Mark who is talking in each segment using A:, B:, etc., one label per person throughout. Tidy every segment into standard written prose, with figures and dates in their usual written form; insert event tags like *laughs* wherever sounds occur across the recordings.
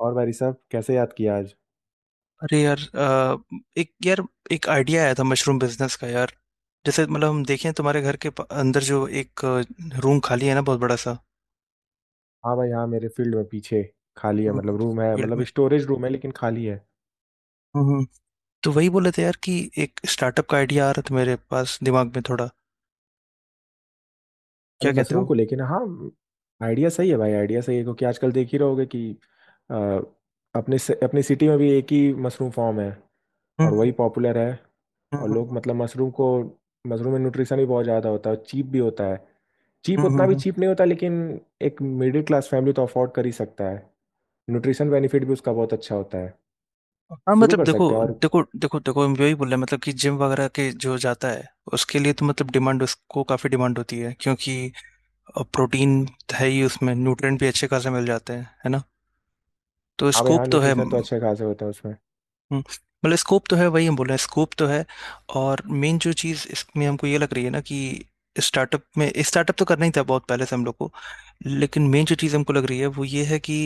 A: और भाई साहब कैसे याद किया आज।
B: अरे यार एक यार एक आइडिया आया था मशरूम बिजनेस का यार जैसे मतलब हम देखें तुम्हारे घर के अंदर जो एक रूम खाली है ना बहुत बड़ा सा।
A: हाँ भाई हाँ, मेरे फील्ड में पीछे खाली है।
B: हम्म।
A: मतलब रूम है,
B: फील्ड
A: मतलब
B: में।
A: स्टोरेज रूम है लेकिन खाली है।
B: हम्म। तो वही बोले थे यार कि एक स्टार्टअप का आइडिया आ रहा था मेरे पास दिमाग में थोड़ा, क्या
A: मतलब
B: कहते
A: मशरूम
B: हो।
A: को, लेकिन हाँ आइडिया सही है भाई, आइडिया सही है क्योंकि आजकल देख ही रहोगे कि अ, अपने अपनी सिटी में भी एक ही मशरूम फॉर्म है और
B: हम्म
A: वही पॉपुलर है। और लोग
B: हम्म
A: मतलब मशरूम को, मशरूम में न्यूट्रिशन भी बहुत ज़्यादा होता है और चीप भी होता है। चीप
B: हम्म हम्म,
A: उतना भी
B: हम्म।
A: चीप नहीं होता, लेकिन एक मिडिल क्लास फैमिली तो अफोर्ड कर ही सकता है। न्यूट्रिशन बेनिफिट भी उसका बहुत अच्छा होता है।
B: हाँ
A: शुरू
B: मतलब
A: कर
B: देखो
A: सकते हैं। और
B: देखो देखो देखो, हम यही बोल रहे हैं मतलब कि जिम वगैरह के जो जाता है उसके लिए तो मतलब डिमांड, उसको काफ़ी डिमांड होती है क्योंकि प्रोटीन है ही, उसमें न्यूट्रिएंट भी अच्छे खासे मिल जाते हैं, है ना। तो
A: हाँ भाई
B: स्कोप
A: हाँ,
B: तो है।
A: न्यूट्रिशन तो
B: हम्म।
A: अच्छे खासे होते हैं उसमें।
B: मतलब स्कोप तो है, वही हम बोल रहे हैं स्कोप तो है। और मेन जो चीज़ इसमें हमको ये लग रही है ना कि स्टार्टअप में, स्टार्टअप तो करना ही था बहुत पहले से हम लोग को, लेकिन मेन जो चीज़ हमको लग रही है वो ये है कि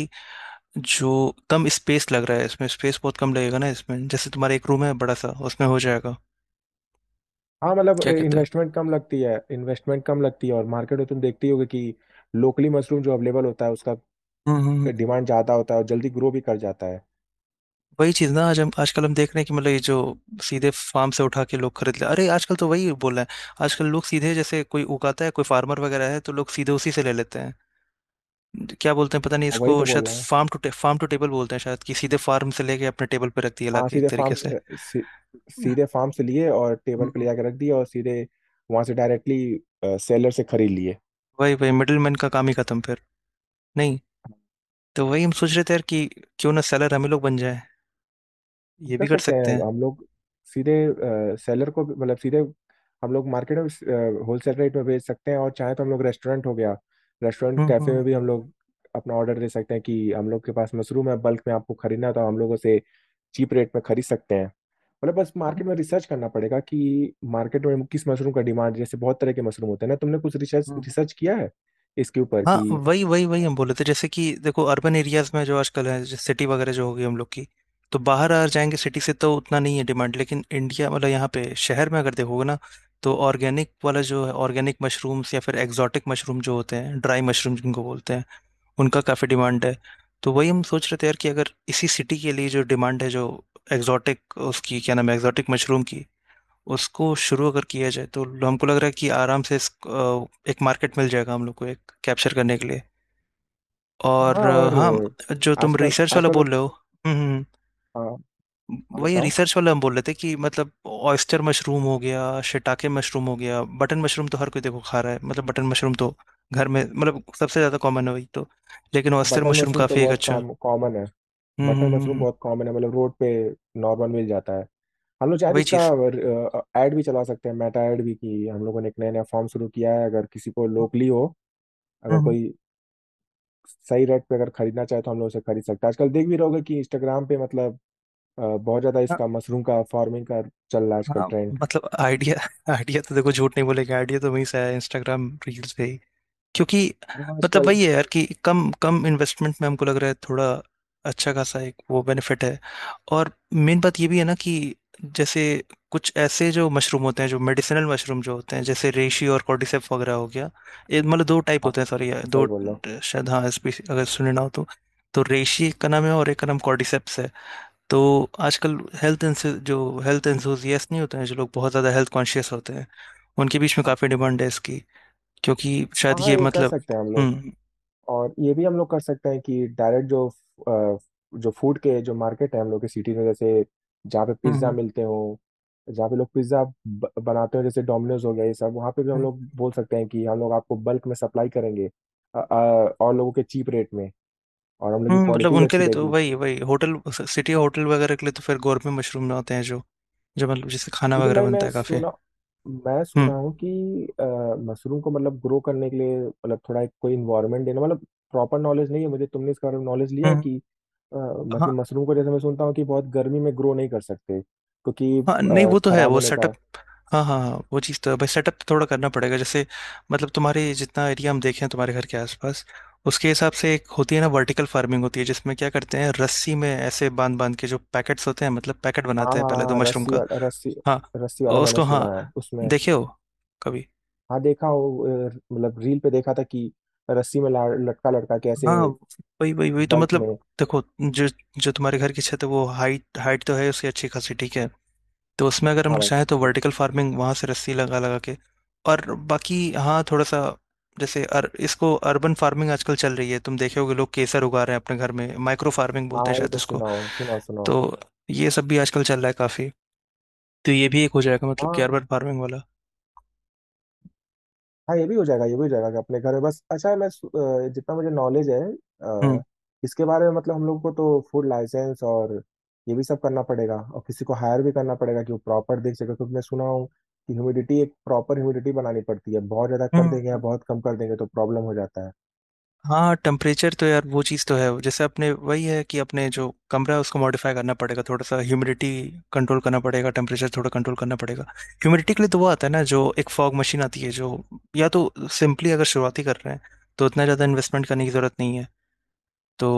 B: जो कम स्पेस लग रहा है इसमें, स्पेस बहुत कम लगेगा ना इसमें, जैसे तुम्हारा एक रूम है बड़ा सा उसमें हो जाएगा।
A: हाँ मतलब
B: क्या कहते हो।
A: इन्वेस्टमेंट कम लगती है, इन्वेस्टमेंट कम लगती है, और मार्केट में तुम देखती होगी कि लोकली मशरूम जो अवेलेबल होता है उसका
B: हम्म।
A: डिमांड ज़्यादा होता है और जल्दी ग्रो भी कर जाता है।
B: वही चीज़ ना, आज हम आजकल हम देख रहे हैं कि मतलब ये जो सीधे फार्म से उठा के लोग खरीद ले, अरे आजकल तो वही बोल रहे हैं, आजकल लोग सीधे, जैसे कोई उगाता है कोई फार्मर वगैरह है तो लोग सीधे उसी से ले लेते हैं। क्या बोलते हैं पता नहीं
A: और
B: इसको,
A: वही तो बोल
B: शायद
A: रहा हूँ।
B: Farm to, farm to table बोलते हैं शायद, कि सीधे फार्म से लेके अपने टेबल पे रख दिया
A: हाँ
B: लाके एक
A: सीधे
B: तरीके
A: फार्म
B: से।
A: से, सीधे फार्म से लिए और टेबल पे ले
B: हम्म।
A: जाके रख दिया और सीधे वहाँ से डायरेक्टली सेलर से खरीद लिए।
B: वही वही मिडिल मैन का काम ही खत्म फिर। नहीं, तो वही हम सोच रहे थे यार कि क्यों ना सेलर हम ही लोग बन जाए, ये
A: कर
B: भी कर
A: सकते
B: सकते हैं।
A: हैं हम लोग, सीधे सेलर को भी- मतलब सीधे हम लोग मार्केट में होलसेल रेट में बेच सकते हैं। और चाहे तो हम लोग रेस्टोरेंट हो गया, रेस्टोरेंट
B: हम्म हम्म,
A: कैफे
B: हम्म,
A: में भी हम
B: हम्म।
A: लोग अपना ऑर्डर दे सकते हैं कि हम लोग के पास मशरूम है, बल्क में आपको खरीदना है तो हम लोगों से चीप रेट में खरीद सकते हैं। मतलब बस
B: हम्म।
A: मार्केट में रिसर्च करना पड़ेगा कि मार्केट में किस मशरूम का डिमांड, जैसे बहुत तरह के मशरूम होते हैं ना। तुमने कुछ रिसर्च
B: हम्म।
A: रिसर्च किया है इसके ऊपर
B: हाँ
A: कि।
B: वही वही वही हम बोले थे, जैसे कि देखो अर्बन एरियाज में जो आजकल है जैसे सिटी वगैरह जो होगी हम लोग की, तो बाहर आ जाएंगे सिटी से तो उतना नहीं है डिमांड, लेकिन इंडिया मतलब यहाँ पे शहर में अगर देखोगे ना, तो ऑर्गेनिक वाला जो है, ऑर्गेनिक मशरूम्स या फिर एग्जॉटिक मशरूम जो होते हैं, ड्राई मशरूम जिनको बोलते हैं, उनका काफ़ी डिमांड है। तो वही हम सोच रहे थे यार कि अगर इसी सिटी के लिए जो डिमांड है, जो एग्जॉटिक, उसकी क्या नाम है, एग्जॉटिक मशरूम की, उसको शुरू अगर किया जाए, तो हमको लग रहा है कि आराम से एक मार्केट मिल जाएगा हम लोग को एक कैप्चर करने के लिए।
A: हाँ
B: और
A: और
B: हाँ, जो तुम
A: आजकल
B: रिसर्च वाला
A: आजकल।
B: बोल रहे हो। हम्म हम्म,
A: हाँ हाँ,
B: हम्म। वही
A: बताओ।
B: रिसर्च वाला हम बोल रहे थे कि मतलब ऑयस्टर मशरूम हो गया, शिटाके मशरूम हो गया, बटन मशरूम तो हर कोई देखो खा रहा है, मतलब बटन मशरूम तो घर में मतलब सबसे ज्यादा कॉमन है वही तो, लेकिन ऑयस्टर
A: बटन
B: मशरूम
A: मशरूम तो
B: काफी एक
A: बहुत
B: अच्छा।
A: काम कॉमन है,
B: हम्म
A: बटर
B: हम्म हम्म
A: मशरूम
B: हम्म,
A: बहुत कॉमन है, मतलब रोड पे नॉर्मल मिल जाता है। हम लोग शायद
B: वही
A: इसका
B: चीज।
A: ऐड भी चला सकते हैं, मेटा ऐड भी, की हम लोगों ने एक नया नया फॉर्म शुरू किया है। अगर किसी को
B: हम्म
A: लोकली हो, अगर
B: हम्म,
A: कोई सही रेट पे अगर खरीदना चाहे तो हम लोग उसे खरीद सकते हैं। आजकल देख भी रहोगे कि इंस्टाग्राम पे मतलब बहुत ज़्यादा
B: हाँ
A: इसका मशरूम का फार्मिंग का चल रहा है आजकल
B: हाँ,
A: ट्रेंड।
B: मतलब आइडिया *laughs* आइडिया तो देखो झूठ नहीं बोलेगा, आइडिया तो वहीं से आया, इंस्टाग्राम रील्स पे। क्योंकि
A: हाँ
B: मतलब
A: आजकल।
B: वही है यार कि कम, कम इन्वेस्टमेंट में हमको लग रहा है थोड़ा अच्छा खासा एक वो बेनिफिट है। और मेन बात ये भी है ना कि जैसे कुछ ऐसे जो मशरूम होते हैं, जो मेडिसिनल मशरूम जो होते हैं, जैसे रेशी और कॉर्डिसेप वगैरह हो गया, ये मतलब दो टाइप
A: हाँ
B: होते हैं, सॉरी
A: एकदम सही
B: दो,
A: बोल रहे हो।
B: शायद हाँ स्पीसी अगर सुने ना हो तो रेशी एक का नाम है और एक का नाम कॉर्डिसेप्स है। तो आजकल हेल्थ, जो हेल्थ एंथुजियास्ट नहीं होते हैं, जो लोग बहुत ज़्यादा हेल्थ कॉन्शियस होते हैं, उनके बीच में
A: हाँ
B: काफ़ी डिमांड है इसकी, क्योंकि
A: हाँ
B: शायद
A: हाँ,
B: ये
A: ये कर
B: मतलब।
A: सकते हैं हम लोग।
B: हुँ,
A: और ये भी हम लोग कर सकते हैं कि डायरेक्ट जो अ, जो फूड के जो मार्केट है हम लोग की सिटी में, जैसे जहाँ पे
B: हुँ,
A: पिज्ज़ा
B: हुँ,
A: मिलते हो, जहाँ पे लोग पिज्ज़ा बनाते हो, जैसे डोमिनोज हो गया ये सब, वहाँ पे भी हम
B: हुँ,
A: लोग बोल सकते हैं कि हम लोग आपको बल्क में सप्लाई करेंगे और लोगों के चीप रेट में, और हम लोग की
B: हुँ, मतलब
A: क्वालिटी भी
B: उनके
A: अच्छी
B: लिए तो
A: रहेगी।
B: वही वही होटल स सिटी होटल वगैरह के लिए तो फिर गोरमे मशरूम होते हैं जो जो मतलब जिससे खाना
A: लेकिन
B: वगैरह
A: भाई
B: बनता
A: मैं
B: है काफ़ी।
A: सुना, मैं
B: हुँ,
A: सुना हूँ कि मशरूम को मतलब ग्रो करने के लिए, मतलब थोड़ा एक कोई इन्वायरमेंट देना, मतलब प्रॉपर नॉलेज नहीं है मुझे। तुमने इसके बारे में नॉलेज लिया
B: हुँ,
A: है कि
B: हाँ,
A: मतलब मशरूम को जैसे मैं सुनता हूँ कि बहुत गर्मी में ग्रो नहीं कर सकते क्योंकि
B: हाँ, नहीं वो तो है
A: खराब
B: वो
A: होने
B: सेटअप।
A: का।
B: हाँ, हाँ, हाँ, वो चीज़ तो है भाई, सेटअप थोड़ा करना पड़ेगा। जैसे मतलब तुम्हारे जितना एरिया हम देखें तुम्हारे घर के आस-पास, उसके हिसाब से एक होती है ना वर्टिकल फार्मिंग होती है, जिसमें क्या करते हैं रस्सी में ऐसे बाँध-बाँध के जो पैकेट्स होते हैं, मतलब पैकेट
A: हाँ
B: बनाते हैं
A: हाँ
B: पहले तो
A: हाँ,
B: मशरूम
A: रस्सी
B: का।
A: वाला, रस्सी
B: हाँ,
A: रस्सी वाला
B: और
A: मैंने
B: उसको
A: सुना
B: हाँ,
A: है उसमें।
B: देखे हो कभी?
A: हाँ देखा हो, मतलब रील पे देखा था कि रस्सी में लटका लटका कैसे
B: हाँ, वही वही वही तो
A: बल्क
B: मतलब
A: में।
B: देखो, जो जो तुम्हारे घर की छत है वो हाइट, हाइट तो है उसकी अच्छी खासी ठीक है, तो उसमें अगर हम
A: हाँ
B: लोग
A: भाई
B: चाहें तो वर्टिकल फार्मिंग वहां से रस्सी लगा लगा के। और बाकी हाँ थोड़ा सा, जैसे इसको अर्बन फार्मिंग आजकल चल रही है, तुम देखे होगे लोग केसर उगा रहे हैं अपने घर में, माइक्रो फार्मिंग
A: हाँ।
B: बोलते हैं
A: ये
B: शायद
A: तो
B: इसको।
A: सुनाओ सुनाओ सुनाओ।
B: तो ये सब भी आजकल चल रहा है काफी, तो ये भी एक हो जाएगा मतलब कि
A: हाँ
B: अर्बन फार्मिंग वाला।
A: हाँ ये भी हो जाएगा, ये भी हो जाएगा अपने घर में। बस अच्छा मैं जितना मुझे नॉलेज है
B: हम्म
A: अ, इसके बारे में, मतलब हम लोग को तो फूड लाइसेंस और ये भी सब करना पड़ेगा, और किसी को हायर भी करना पड़ेगा कि वो प्रॉपर देख सके, क्योंकि मैं सुना हूँ कि ह्यूमिडिटी एक प्रॉपर ह्यूमिडिटी बनानी पड़ती है, बहुत ज़्यादा कर
B: हम्म
A: देंगे या
B: हम्म।
A: बहुत कम कर देंगे तो प्रॉब्लम हो जाता है।
B: हाँ टेम्परेचर तो यार वो चीज़ तो है, जैसे अपने वही है कि अपने जो कमरा है उसको मॉडिफाई करना पड़ेगा थोड़ा सा, ह्यूमिडिटी कंट्रोल करना पड़ेगा, टेम्परेचर थोड़ा कंट्रोल करना पड़ेगा। ह्यूमिडिटी के लिए तो वो आता है ना जो एक फॉग मशीन आती है जो, या तो सिंपली अगर शुरुआती कर रहे हैं तो उतना ज़्यादा इन्वेस्टमेंट करने की ज़रूरत नहीं है। तो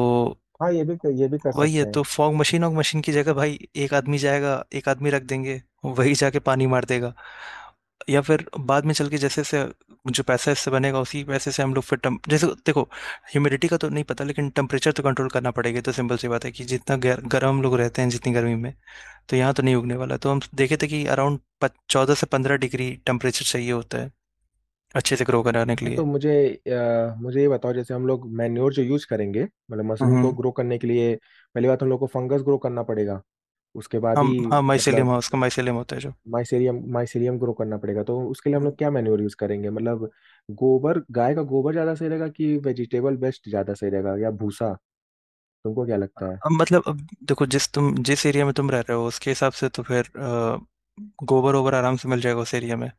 A: हाँ ये भी, ये भी कर
B: वही है
A: सकते
B: तो
A: हैं।
B: फॉग मशीन, और मशीन की जगह भाई एक आदमी जाएगा, एक आदमी रख देंगे वही जाके पानी मार देगा। या फिर बाद में चल के जैसे से जो पैसा इससे बनेगा उसी पैसे से हम लोग फिर टेम जैसे देखो ह्यूमिडिटी का तो नहीं पता लेकिन टेम्परेचर तो कंट्रोल करना पड़ेगा, ये तो सिंपल सी बात है कि जितना गर्म हम लोग रहते हैं जितनी गर्मी में, तो यहाँ तो नहीं उगने वाला। तो हम देखे थे कि अराउंड चौदह से पंद्रह डिग्री टेम्परेचर चाहिए होता है अच्छे से ग्रो कराने के
A: अच्छा
B: लिए।
A: तो मुझे मुझे ये बताओ, जैसे हम लोग मैन्योर जो यूज करेंगे मतलब मशरूम को
B: हम्म,
A: ग्रो करने के लिए, पहली बात हम लोग को फंगस ग्रो करना पड़ेगा, उसके बाद ही
B: हम हाँ माइसेलियम,
A: मतलब
B: हाउस का माइसेलियम होता है
A: माइसेरियम माइसेरियम ग्रो करना पड़ेगा। तो उसके लिए हम
B: जो।
A: लोग क्या मैन्योर यूज करेंगे? मतलब गोबर, गाय का गोबर ज्यादा सही रहेगा कि वेजिटेबल वेस्ट ज्यादा सही रहेगा या भूसा? तुमको क्या लगता है?
B: अब मतलब अब देखो जिस तुम जिस एरिया में तुम रह रहे हो उसके हिसाब से तो फिर गोबर ओबर आराम से मिल जाएगा उस एरिया में,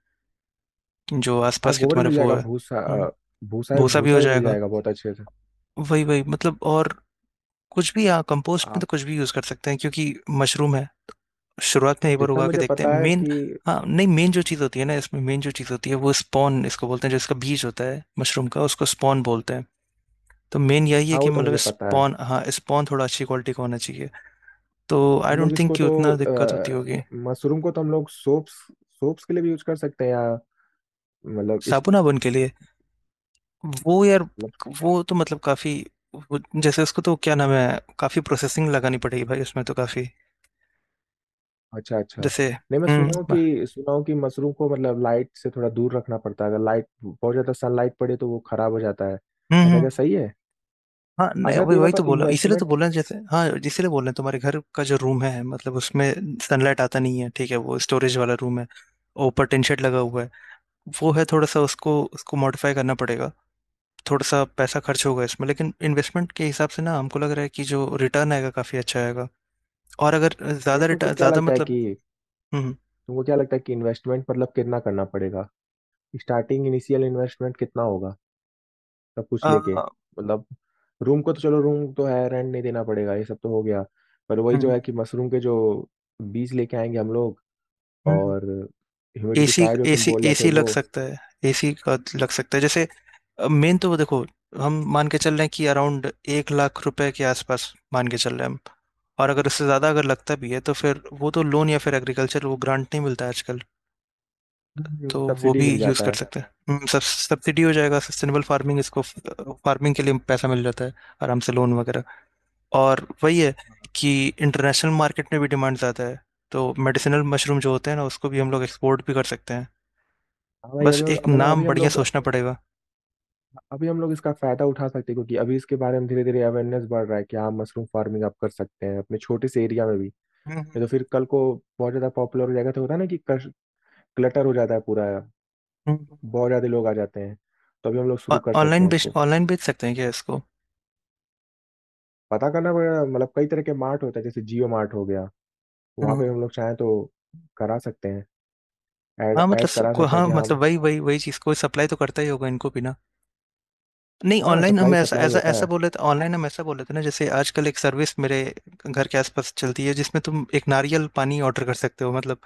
B: जो
A: हाँ
B: आसपास के
A: गोबर
B: तुम्हारे
A: मिल
B: वो
A: जाएगा।
B: है।
A: भूसा अ, भूसा,
B: भूसा भी
A: भूसा
B: हो
A: भी मिल
B: जाएगा,
A: जाएगा बहुत अच्छे से।
B: वही वही मतलब। और कुछ भी यहाँ कंपोस्ट में तो
A: आप
B: कुछ भी यूज कर सकते हैं क्योंकि मशरूम है। शुरुआत में एक बार
A: जितना
B: उगा के
A: मुझे
B: देखते हैं
A: पता है
B: मेन।
A: कि।
B: हाँ नहीं, मेन जो चीज़ होती है ना इसमें, मेन जो चीज़ होती है वो स्पॉन इसको बोलते हैं, जो इसका बीज होता है मशरूम का उसको स्पॉन बोलते हैं। तो मेन यही है
A: हाँ
B: कि
A: वो तो
B: मतलब
A: मुझे पता है।
B: स्पॉन, हाँ स्पॉन थोड़ा अच्छी क्वालिटी का होना चाहिए। तो आई
A: हम लोग
B: डोंट थिंक
A: इसको
B: कि
A: तो
B: उतना दिक्कत होती
A: अ,
B: होगी।
A: मशरूम को तो हम लोग सोप्स, सोप्स के लिए भी यूज कर सकते हैं, या मतलब इस।
B: साबुना बन के लिए, वो यार, वो तो मतलब काफी, जैसे उसको तो क्या नाम है, काफी प्रोसेसिंग लगानी पड़ेगी भाई उसमें तो काफी
A: अच्छा, अच्छा।
B: जैसे।
A: नहीं मैं
B: हम्म
A: सुना हूँ
B: बा-
A: कि, सुना हूँ कि मशरूम को मतलब लाइट से थोड़ा दूर रखना पड़ता है। अगर लाइट बहुत ज़्यादा सनलाइट पड़े तो वो खराब हो जाता है।
B: हम्म
A: ऐसा
B: हम्म,
A: क्या सही है?
B: हाँ नहीं,
A: अच्छा तो
B: वही
A: ये
B: वही
A: बताओ
B: तो बोला इसीलिए तो
A: इन्वेस्टमेंट,
B: बोला, जैसे हाँ इसीलिए बोल रहे हैं तुम्हारे घर का जो रूम है मतलब उसमें सनलाइट आता नहीं है, ठीक है वो स्टोरेज वाला रूम है, और ऊपर टिन शेड लगा हुआ है। वो है थोड़ा सा उसको, उसको मॉडिफाई करना पड़ेगा थोड़ा सा, पैसा खर्च होगा इसमें लेकिन इन्वेस्टमेंट के हिसाब से ना हमको लग रहा है कि जो रिटर्न आएगा काफी अच्छा आएगा। और अगर
A: अगर
B: ज्यादा
A: तुमको
B: रिटर्न,
A: क्या
B: ज्यादा
A: लगता है
B: मतलब।
A: कि,
B: हुँ, हुँ।
A: तुमको क्या लगता है कि इन्वेस्टमेंट मतलब कितना करना पड़ेगा? स्टार्टिंग इनिशियल इन्वेस्टमेंट कितना होगा? सब कुछ लेके,
B: अ,
A: मतलब रूम को तो चलो रूम तो है, रेंट नहीं देना पड़ेगा, ये सब तो हो गया। पर वही
B: हुँ,
A: जो है कि मशरूम के जो बीज लेके आएंगे हम लोग,
B: हुँ, हुँ।
A: और
B: एसी,
A: ह्यूमिडिफायर जो तुम
B: एसी
A: बोल रहे थे
B: एसी लग
A: वो,
B: सकता है, एसी का लग सकता है। जैसे मेन तो वो देखो, हम मान के चल रहे हैं कि अराउंड 1 लाख रुपए के आसपास मान के चल रहे हैं हम। और अगर उससे ज़्यादा अगर लगता भी है तो फिर वो तो लोन, या फिर एग्रीकल्चर वो ग्रांट नहीं मिलता है आजकल, तो वो
A: सब्सिडी
B: भी
A: मिल
B: यूज़
A: जाता
B: कर
A: है।
B: सकते हैं। हुँ, सब सब्सिडी हो जाएगा, सस्टेनेबल फार्मिंग इसको, फ फार्मिंग के लिए पैसा मिल जाता है आराम से, लोन वगैरह। और वही है कि इंटरनेशनल मार्केट में भी डिमांड ज़्यादा है, तो मेडिसिनल मशरूम जो होते हैं ना उसको भी हम लोग एक्सपोर्ट भी कर सकते हैं।
A: हाँ भाई
B: बस
A: अभी हम
B: एक
A: लोग- मतलब
B: नाम
A: अभी हम
B: बढ़िया
A: लोग,
B: सोचना पड़ेगा।
A: अभी हम लोग इसका फायदा उठा सकते हैं, क्योंकि अभी इसके बारे में धीरे धीरे अवेयरनेस बढ़ रहा है कि हाँ मशरूम फार्मिंग आप कर सकते हैं अपने छोटे से एरिया में भी।
B: हम्म
A: नहीं तो फिर कल को बहुत ज़्यादा पॉपुलर हो जाएगा तो होता है ना कि क्लटर हो जाता है पूरा,
B: हम्म,
A: बहुत ज़्यादा लोग आ जाते हैं। तो अभी हम लोग शुरू कर सकते
B: ऑनलाइन
A: हैं
B: बेच,
A: इसको।
B: ऑनलाइन बेच सकते हैं क्या इसको।
A: पता करना पड़ेगा, मतलब कई तरह के मार्ट होते हैं, जैसे जियो मार्ट हो गया, वहाँ
B: हम्म,
A: पे हम लोग चाहें तो करा सकते हैं, ऐड
B: हाँ मतलब
A: ऐड करा
B: को,
A: सकते हैं
B: हाँ
A: कि हाँ।
B: मतलब वही वही वही चीज़ को सप्लाई तो करता ही होगा इनको भी ना। नहीं
A: हाँ
B: ऑनलाइन हम
A: सप्लाई
B: ऐसा
A: सप्लाई
B: ऐसा
A: होता
B: ऐसा
A: है।
B: बोले थे, ऑनलाइन हम ऐसा बोले थे ना, जैसे आजकल एक सर्विस मेरे घर के आसपास चलती है जिसमें तुम एक नारियल पानी ऑर्डर कर सकते हो मतलब,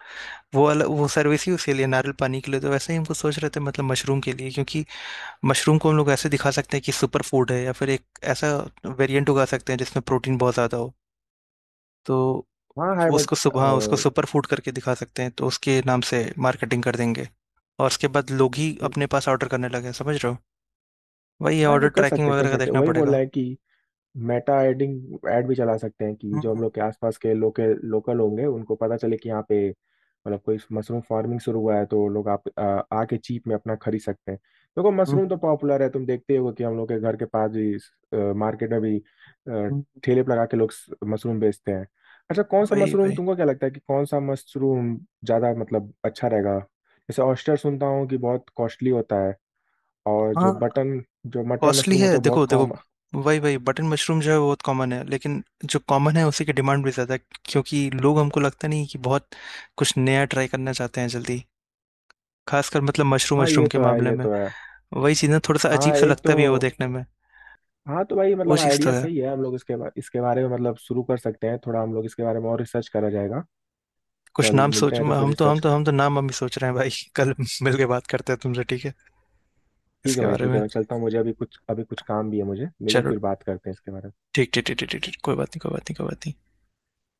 B: वो अलग वो सर्विस ही उसके लिए नारियल पानी के लिए, तो वैसे ही हमको सोच रहे थे मतलब मशरूम के लिए, क्योंकि मशरूम को हम लोग ऐसे दिखा सकते हैं कि सुपर फूड है, या फिर एक ऐसा वेरिएंट उगा सकते हैं जिसमें प्रोटीन बहुत ज़्यादा हो। तो
A: हाँ है
B: वो
A: बट,
B: उसको सुबह, उसको सुपर फूड करके दिखा सकते हैं, तो उसके नाम से मार्केटिंग कर देंगे और उसके बाद लोग ही अपने पास ऑर्डर करने लगे, समझ रहे हो। वही
A: हाँ
B: ऑर्डर
A: ये कर
B: ट्रैकिंग
A: सकते हैं, कर
B: वगैरह का
A: सकते हैं,
B: देखना
A: वही बोल
B: पड़ेगा।
A: रहा है कि मेटा एडिंग एड भी चला सकते हैं, कि जो हम
B: हम्म,
A: लोग के आसपास के लोकल लोकल होंगे उनको पता चले कि यहाँ पे मतलब कोई मशरूम फार्मिंग शुरू हुआ है, तो लोग आके चीप में अपना खरीद सकते हैं। देखो
B: हम्म,
A: मशरूम
B: हम्म,
A: तो पॉपुलर है, तुम देखते हो कि हम लोग के घर के पास भी, मार्केट में भी अ,
B: हम्म।
A: ठेले पर लगा के लोग मशरूम बेचते हैं। अच्छा कौन सा
B: वही
A: मशरूम,
B: वही,
A: तुमको क्या लगता है कि कौन सा मशरूम ज़्यादा मतलब अच्छा रहेगा? जैसे ऑयस्टर सुनता हूँ कि बहुत कॉस्टली होता है, और जो
B: हाँ
A: बटन, जो मटर
B: कॉस्टली
A: मशरूम
B: है,
A: होता है बहुत
B: देखो देखो
A: कॉम।
B: वही वही, बटन मशरूम जो है वो बहुत कॉमन है लेकिन जो कॉमन है उसी की डिमांड भी ज़्यादा है, क्योंकि लोग, हमको लगता नहीं कि बहुत कुछ नया ट्राई करना चाहते हैं जल्दी, खासकर मतलब मशरूम,
A: हाँ
B: मशरूम
A: ये
B: के
A: तो है,
B: मामले
A: ये
B: में।
A: तो है।
B: वही चीज़ ना थोड़ा सा अजीब
A: हाँ
B: सा
A: एक तो,
B: लगता भी है वो देखने में,
A: हाँ तो भाई
B: वो
A: मतलब
B: चीज़ तो
A: आइडिया
B: है।
A: सही है, हम लोग इसके बारे में मतलब शुरू कर सकते हैं। थोड़ा हम लोग इसके बारे में और रिसर्च करा जाएगा,
B: कुछ
A: कल
B: नाम
A: मिलते
B: सोच,
A: हैं तो फिर
B: हम तो हम
A: रिसर्च।
B: तो हम तो नाम हम ही सोच रहे हैं भाई। *laughs* कल मिल के बात करते हैं तुमसे, ठीक है
A: ठीक है
B: इसके
A: भाई,
B: बारे
A: ठीक है,
B: में।
A: मैं चलता हूँ, मुझे अभी कुछ, अभी कुछ काम भी है। मुझे मिलो,
B: चलो,
A: फिर बात करते हैं इसके बारे में।
B: ठीक ठीक ठीक ठीक ठीक ठीक, कोई बात नहीं कोई बात नहीं कोई बात नहीं।